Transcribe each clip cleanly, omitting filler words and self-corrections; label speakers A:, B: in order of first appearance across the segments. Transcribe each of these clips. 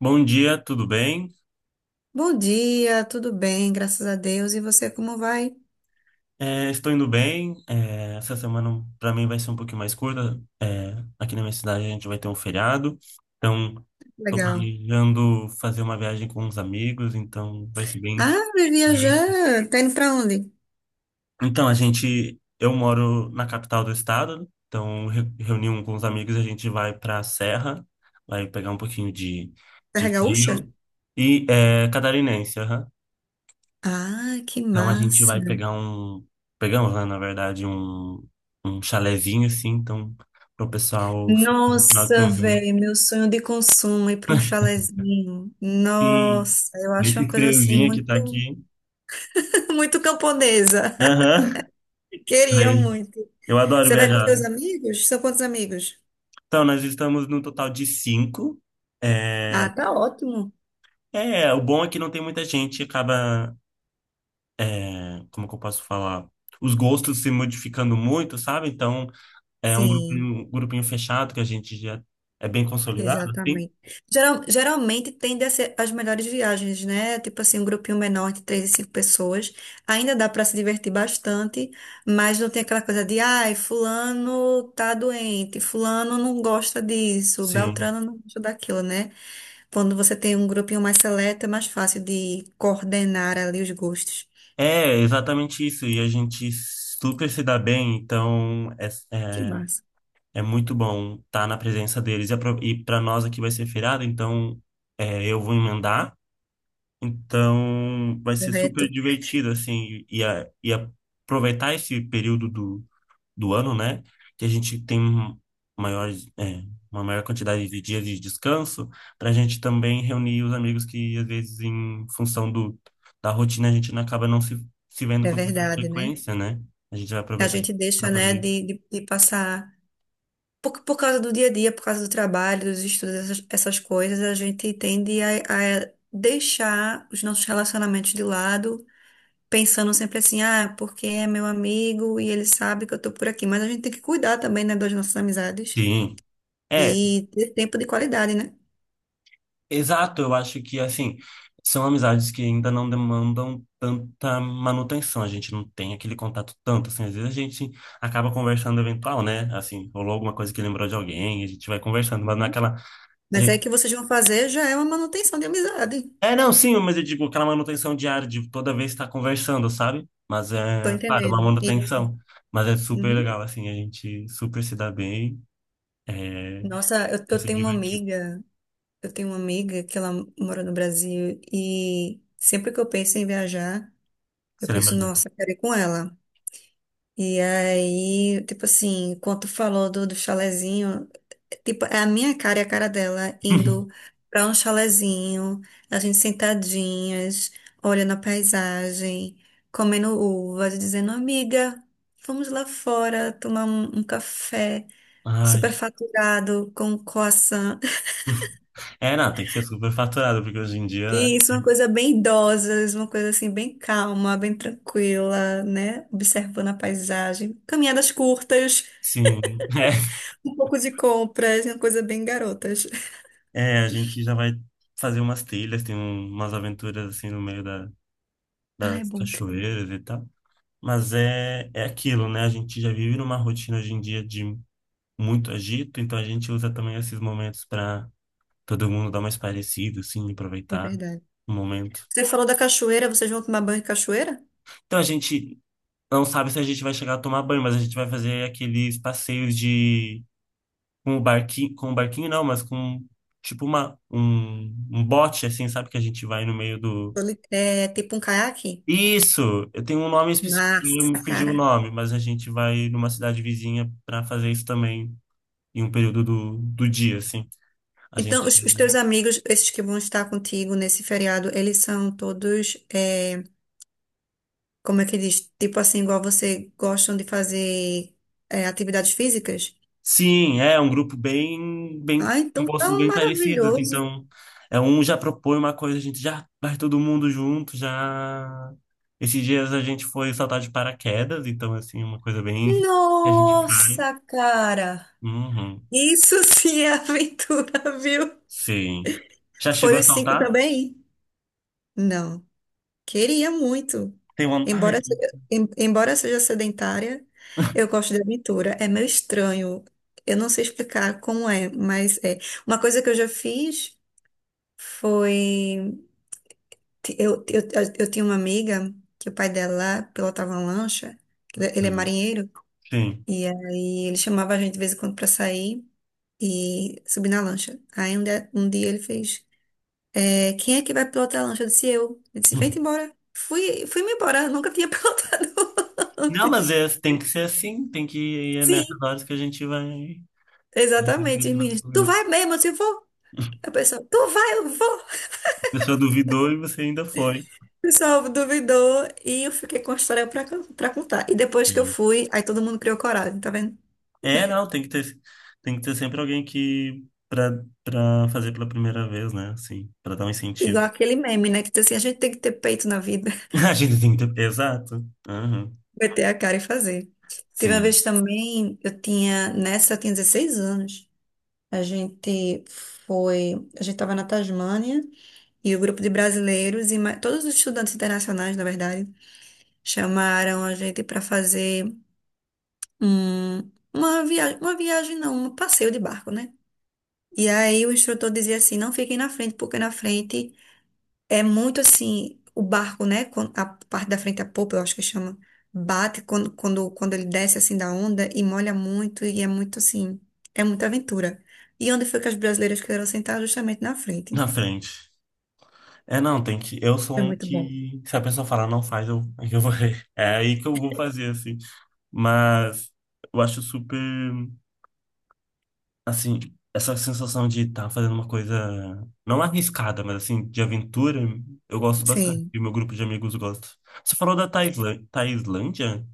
A: Bom dia, tudo bem?
B: Bom dia, tudo bem, graças a Deus. E você, como vai?
A: Estou indo bem. Essa semana para mim vai ser um pouquinho mais curta. Aqui na minha cidade a gente vai ter um feriado, então estou
B: Legal.
A: planejando fazer uma viagem com uns amigos, então vai ser bem
B: Ah, vai
A: divertido.
B: viajar. Tá indo pra onde?
A: Então, eu moro na capital do estado, então reuni um com os amigos e a gente vai para a serra, vai pegar um pouquinho de,
B: Serra Gaúcha?
A: frio e catarinense.
B: Ah, que
A: Então a gente
B: massa.
A: vai pegar um. Pegamos, né, na verdade, um chalezinho assim, então, para o pessoal ficar no final de
B: Nossa,
A: semana.
B: velho, meu sonho de consumo é ir pra um chalezinho.
A: E
B: Nossa, eu acho uma
A: nesse
B: coisa assim
A: friozinho que tá
B: muito,
A: aqui.
B: muito camponesa.
A: Aham.
B: Queria
A: Aí,
B: muito.
A: eu adoro
B: Você vai com
A: viajar.
B: seus amigos? São quantos amigos?
A: Então, nós estamos no total de cinco. É,
B: Ah, tá ótimo.
A: o bom é que não tem muita gente, acaba, como que eu posso falar? Os gostos se modificando muito, sabe? Então, é um
B: Sim.
A: grupinho, um grupinho fechado que a gente já é bem consolidado, assim.
B: Exatamente. Geralmente tende a ser as melhores viagens, né? Tipo assim, um grupinho menor de três e cinco pessoas. Ainda dá para se divertir bastante, mas não tem aquela coisa de, ai, fulano tá doente, fulano não gosta disso,
A: Sim.
B: Beltrano não gosta daquilo, né? Quando você tem um grupinho mais seleto, é mais fácil de coordenar ali os gostos.
A: Exatamente isso. E a gente super se dá bem, então é,
B: Que
A: é,
B: massa.
A: é muito bom estar na presença deles. E para nós aqui vai ser feriado, então eu vou emendar. Então vai ser super
B: Correto.
A: divertido, assim, e aproveitar esse período do ano, né? Que a gente tem maiores, é, uma maior quantidade de dias de descanso para a gente também reunir os amigos que, às vezes, em função do, da rotina, a gente não acaba não se vendo
B: É
A: com tanta
B: verdade, né?
A: frequência, né? A gente vai
B: A
A: aproveitar
B: gente
A: para
B: deixa, né,
A: fazer.
B: de passar. Por causa do dia a dia, por causa do trabalho, dos estudos, essas coisas, a gente tende a deixar os nossos relacionamentos de lado, pensando sempre assim, ah, porque é meu amigo e ele sabe que eu tô por aqui. Mas a gente tem que cuidar também, né, das nossas amizades
A: Sim. É,
B: e ter tempo de qualidade, né?
A: Exato. Eu acho que, assim, são amizades que ainda não demandam tanta manutenção. A gente não tem aquele contato tanto, assim. Às vezes a gente acaba conversando eventual, né? Assim, rolou alguma coisa que lembrou de alguém, a gente vai conversando, mas não é aquela. A
B: Mas é
A: gente...
B: que vocês vão fazer já é uma manutenção de amizade.
A: Não, sim, mas eu digo aquela manutenção diária de toda vez estar conversando, sabe? Mas
B: Tô
A: é, claro, uma
B: entendendo. Isso.
A: manutenção. Mas é super
B: Uhum.
A: legal, assim, a gente super se dá bem, é,
B: Nossa,
A: e se divertir,
B: eu tenho uma amiga que ela mora no Brasil e sempre que eu penso em viajar, eu
A: se lembra
B: penso,
A: da...
B: nossa, eu quero ir com ela. E aí, tipo assim, quando tu falou do chalezinho, tipo, é a minha cara e a cara dela indo pra um chalezinho, a gente sentadinhas, olhando a paisagem, comendo uvas, dizendo, amiga, vamos lá fora tomar um café.
A: Ai.
B: Superfaturado com croissant.
A: Não, tem que ser super faturado, porque hoje em dia, né?
B: E isso é uma coisa bem idosa, isso é uma coisa assim bem calma, bem tranquila, né? Observando a paisagem. Caminhadas curtas,
A: Sim,
B: um pouco de compras, é uma coisa bem garotas.
A: a gente já vai fazer umas trilhas, tem umas aventuras, assim, no meio da,
B: Ai,
A: das
B: bom trilho,
A: cachoeiras e tal. Mas é aquilo, né? A gente já vive numa rotina hoje em dia de muito agito, então a gente usa também esses momentos para todo mundo dar mais parecido, assim,
B: é
A: aproveitar
B: verdade.
A: o momento.
B: Você falou da cachoeira, vocês vão tomar banho em cachoeira?
A: Então a gente não sabe se a gente vai chegar a tomar banho, mas a gente vai fazer aqueles passeios de com o barquinho não, mas com tipo um bote assim, sabe que a gente vai no meio do.
B: É tipo um caiaque?
A: Isso, eu tenho um nome específico, eu me
B: Massa,
A: fugiu o
B: cara.
A: nome, mas a gente vai numa cidade vizinha para fazer isso também em um período do dia, assim. A
B: Então,
A: gente.
B: os teus amigos, esses que vão estar contigo nesse feriado, eles são todos é, como é que diz? Tipo assim, igual você gostam de fazer é, atividades físicas?
A: Sim, é um grupo bem, bem,
B: Ah,
A: com
B: então tá
A: gostos
B: um
A: bem parecidos,
B: maravilhoso.
A: então é um já propõe uma coisa, a gente já vai todo mundo junto, já esses dias a gente foi saltar de paraquedas, então assim, uma coisa bem que a gente faz.
B: Nossa, cara!
A: Uhum,
B: Isso sim é aventura, viu?
A: sim. Já chegou
B: Foi
A: a
B: os cinco
A: saltar?
B: também? Não, queria muito.
A: Tem uma, ai, tem
B: Embora seja sedentária, eu gosto de aventura. É meio estranho. Eu não sei explicar como é, mas é. Uma coisa que eu já fiz foi. Eu tinha uma amiga que o pai dela pilotava uma lancha,
A: uma.
B: ele é
A: Legal.
B: marinheiro,
A: Sim.
B: e aí ele chamava a gente de vez em quando pra sair e subir na lancha. Aí um dia ele fez, é, quem é que vai pilotar a lancha? Eu disse, eu. Ele disse, vem-te embora. Fui-me embora, eu nunca tinha pilotado
A: Não, mas
B: antes.
A: tem que ser assim, tem que é nessas
B: Sim,
A: horas que a gente vai.
B: exatamente, os meninos, tu vai mesmo? Eu disse, vou. A pessoa, tu vai, eu vou.
A: A pessoa duvidou e você ainda foi.
B: O pessoal duvidou e eu fiquei com a história pra, pra contar. E depois que eu
A: Sim.
B: fui, aí todo mundo criou coragem, tá vendo?
A: Não, tem que ter sempre alguém que para fazer pela primeira vez, né? Assim, para dar um incentivo.
B: Igual aquele meme, né? Que diz assim, a gente tem que ter peito na vida,
A: A gente tem que ter, exato. Aham.
B: meter a cara e fazer. Teve uma
A: Sim,
B: vez também, nessa eu tinha 16 anos. A gente foi, a gente estava na Tasmânia e o grupo de brasileiros e todos os estudantes internacionais, na verdade, chamaram a gente para fazer um, uma viagem não, um passeio de barco, né? E aí o instrutor dizia assim, não fiquem na frente, porque na frente é muito assim, o barco, né? A parte da frente, a popa, eu acho que chama, bate quando ele desce assim da onda e molha muito, e é muito assim, é muita aventura. E onde foi que as brasileiras quiseram sentar? Justamente na frente.
A: na frente. Não, tem que. Eu sou
B: Foi
A: um
B: muito bom.
A: que se a pessoa falar não faz, aí eu vou. É aí que eu vou fazer assim. Mas eu acho super assim, essa sensação de estar fazendo uma coisa não arriscada, mas assim, de aventura, eu gosto bastante.
B: Sim.
A: E o meu grupo de amigos gosta. Você falou da Tailândia?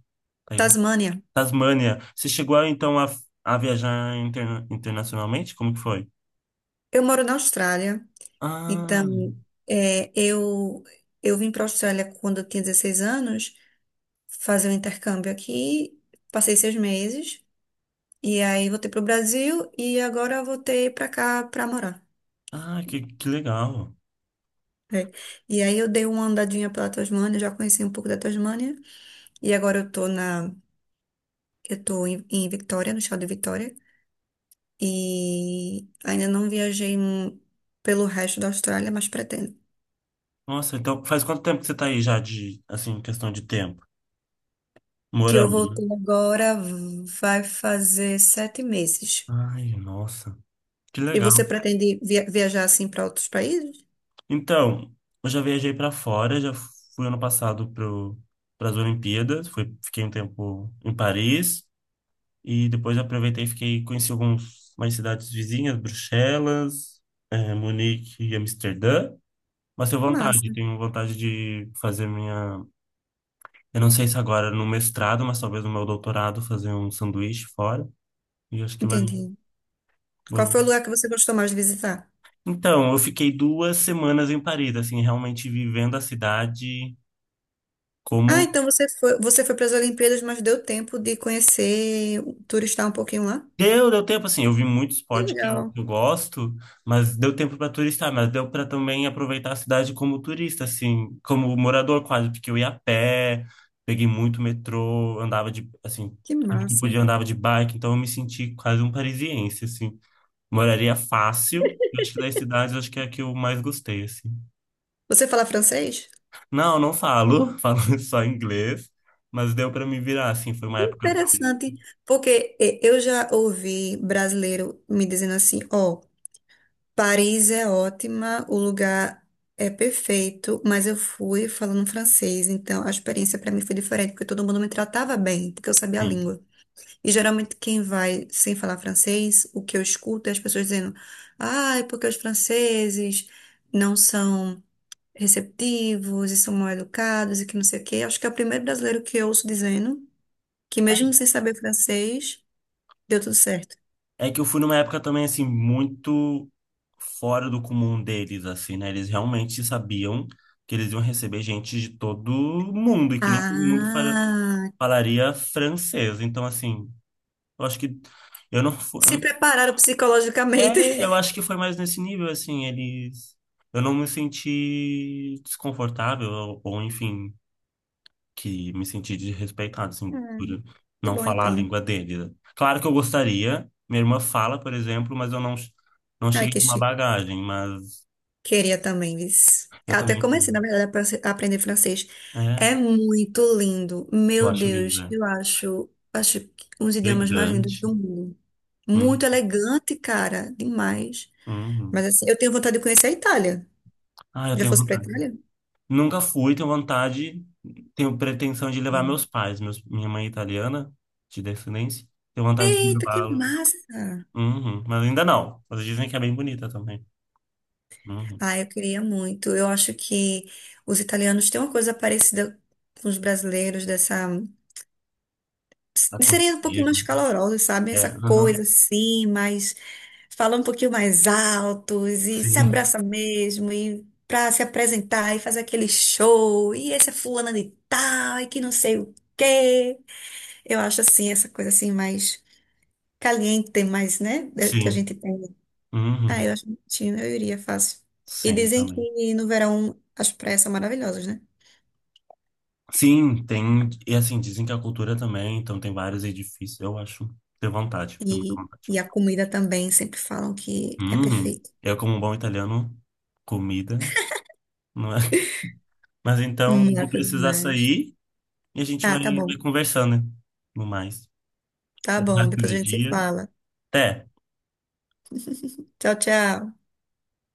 A: Taylor.
B: Tasmânia.
A: Tasmânia. Você chegou então a viajar internacionalmente? Como que foi?
B: Eu moro na Austrália,
A: Ah,
B: então é, eu, eu vim para a Austrália quando eu tinha 16 anos, fazer um intercâmbio aqui, passei 6 meses, e aí voltei para o Brasil e agora voltei para cá para morar.
A: ah, que legal.
B: É. E aí eu dei uma andadinha pela Tasmânia, já conheci um pouco da Tasmânia, e agora eu tô em, em Vitória, no estado de Vitória, e ainda não viajei pelo resto da Austrália, mas pretendo.
A: Nossa, então faz quanto tempo que você tá aí já de, assim, questão de tempo?
B: Que eu
A: Morando, né?
B: voltei agora, vai fazer 7 meses.
A: Ai, nossa, que
B: E você
A: legal.
B: pretende viajar assim para outros países?
A: Então, eu já viajei pra fora, já fui ano passado pro, para as Olimpíadas, fui, fiquei um tempo em Paris e depois aproveitei e fiquei, conheci algumas mais cidades vizinhas, Bruxelas, Munique e Amsterdã. Mas
B: Massa,
A: tenho vontade de fazer minha. Eu não sei se agora no mestrado, mas talvez no meu doutorado, fazer um sanduíche fora. E acho que vai.
B: entendi. Qual foi o
A: Vou-.
B: lugar que você gostou mais de visitar?
A: Então, eu fiquei 2 semanas em Paris, assim, realmente vivendo a cidade
B: Ah,
A: como.
B: então você foi para as Olimpíadas, mas deu tempo de conhecer, turistar um pouquinho lá?
A: Deu tempo, assim, eu vi muito
B: Que
A: esporte que eu,
B: legal,
A: que eu gosto, mas deu tempo para turistar, mas deu para também aproveitar a cidade como turista, assim, como morador quase, porque eu ia a pé, peguei muito metrô, andava de, assim,
B: que
A: sempre que
B: massa.
A: podia andava de bike, então eu me senti quase um parisiense, assim. Moraria fácil, eu acho que das cidades, eu acho que é a que eu mais gostei, assim.
B: Você fala francês?
A: Não, não falo, falo só inglês, mas deu para me virar, assim, foi uma época de,
B: Interessante, porque eh, eu já ouvi brasileiro me dizendo assim, ó, Paris é ótima, o lugar é perfeito, mas eu fui falando francês, então a experiência para mim foi diferente, porque todo mundo me tratava bem, porque eu sabia a
A: sim.
B: língua. E geralmente quem vai sem falar francês, o que eu escuto é as pessoas dizendo, ah, é porque os franceses não são receptivos e são mal educados e que não sei o quê. Acho que é o primeiro brasileiro que eu ouço dizendo que mesmo sem saber francês, deu tudo certo.
A: É que eu fui numa época também, assim, muito fora do comum deles, assim, né? Eles realmente sabiam que eles iam receber gente de todo mundo e que nem todo mundo
B: Ah,
A: falaria francês. Então, assim, eu acho que eu não fui. Eu
B: se
A: não-.
B: prepararam psicologicamente.
A: Eu acho que foi mais nesse nível, assim, eles. Eu não me senti desconfortável, ou, enfim que me senti desrespeitado, assim,
B: Ah,
A: por
B: que
A: não
B: bom
A: falar a
B: então.
A: língua dele. Claro que eu gostaria, minha irmã fala, por exemplo, mas eu não
B: Ai,
A: cheguei
B: que
A: com uma
B: chique.
A: bagagem, mas
B: Queria também, Viz.
A: eu
B: Eu até
A: também
B: comecei, na
A: quero.
B: verdade, a a aprender francês.
A: É,
B: É muito lindo.
A: eu
B: Meu
A: acho
B: Deus,
A: linda.
B: acho que um dos idiomas mais lindos
A: Elegante.
B: do mundo. Muito
A: Hum,
B: elegante, cara. Demais.
A: hum.
B: Mas assim, eu tenho vontade de conhecer a Itália.
A: Ah, eu
B: Já
A: tenho
B: fosse pra
A: vontade.
B: Itália?
A: Nunca fui, tenho vontade, tenho pretensão de levar
B: Sim.
A: meus pais, meus, minha mãe é italiana, de descendência, tenho vontade de
B: Eita, que
A: levá-los.
B: massa!
A: Uhum, mas ainda não. Mas dizem que é bem bonita também. Uhum.
B: Ah, eu queria muito. Eu acho que os italianos têm uma coisa parecida com os brasileiros dessa. Seria um pouquinho
A: Aconchego.
B: mais calorosa, sabe? Essa
A: Aham.
B: coisa assim, mas falar um pouquinho mais altos e se
A: Sim.
B: abraça mesmo e para se apresentar e fazer aquele show. E esse é fulana de tal e que não sei o quê. Eu acho assim, essa coisa assim mais caliente, mais, né? Que a
A: Sim.
B: gente tem. Ah,
A: Uhum.
B: eu acho bonitinho, eu iria fácil. E
A: Sim,
B: dizem
A: também.
B: que no verão as praias são maravilhosas, né?
A: Sim, tem. E assim, dizem que a cultura também, então tem vários edifícios. Eu acho. Tenho vontade, tenho muita vontade.
B: E a comida também, sempre falam que é
A: Uhum.
B: perfeita.
A: Eu, como um bom italiano, comida, não é? Mas então, vou
B: Massa
A: precisar
B: demais.
A: sair e a gente
B: Ah,
A: vai,
B: tá bom.
A: vai conversando, né? No mais.
B: Tá
A: Boa
B: bom.
A: tarde
B: Depois
A: de
B: a gente se
A: dia.
B: fala.
A: Até!
B: Tchau, tchau.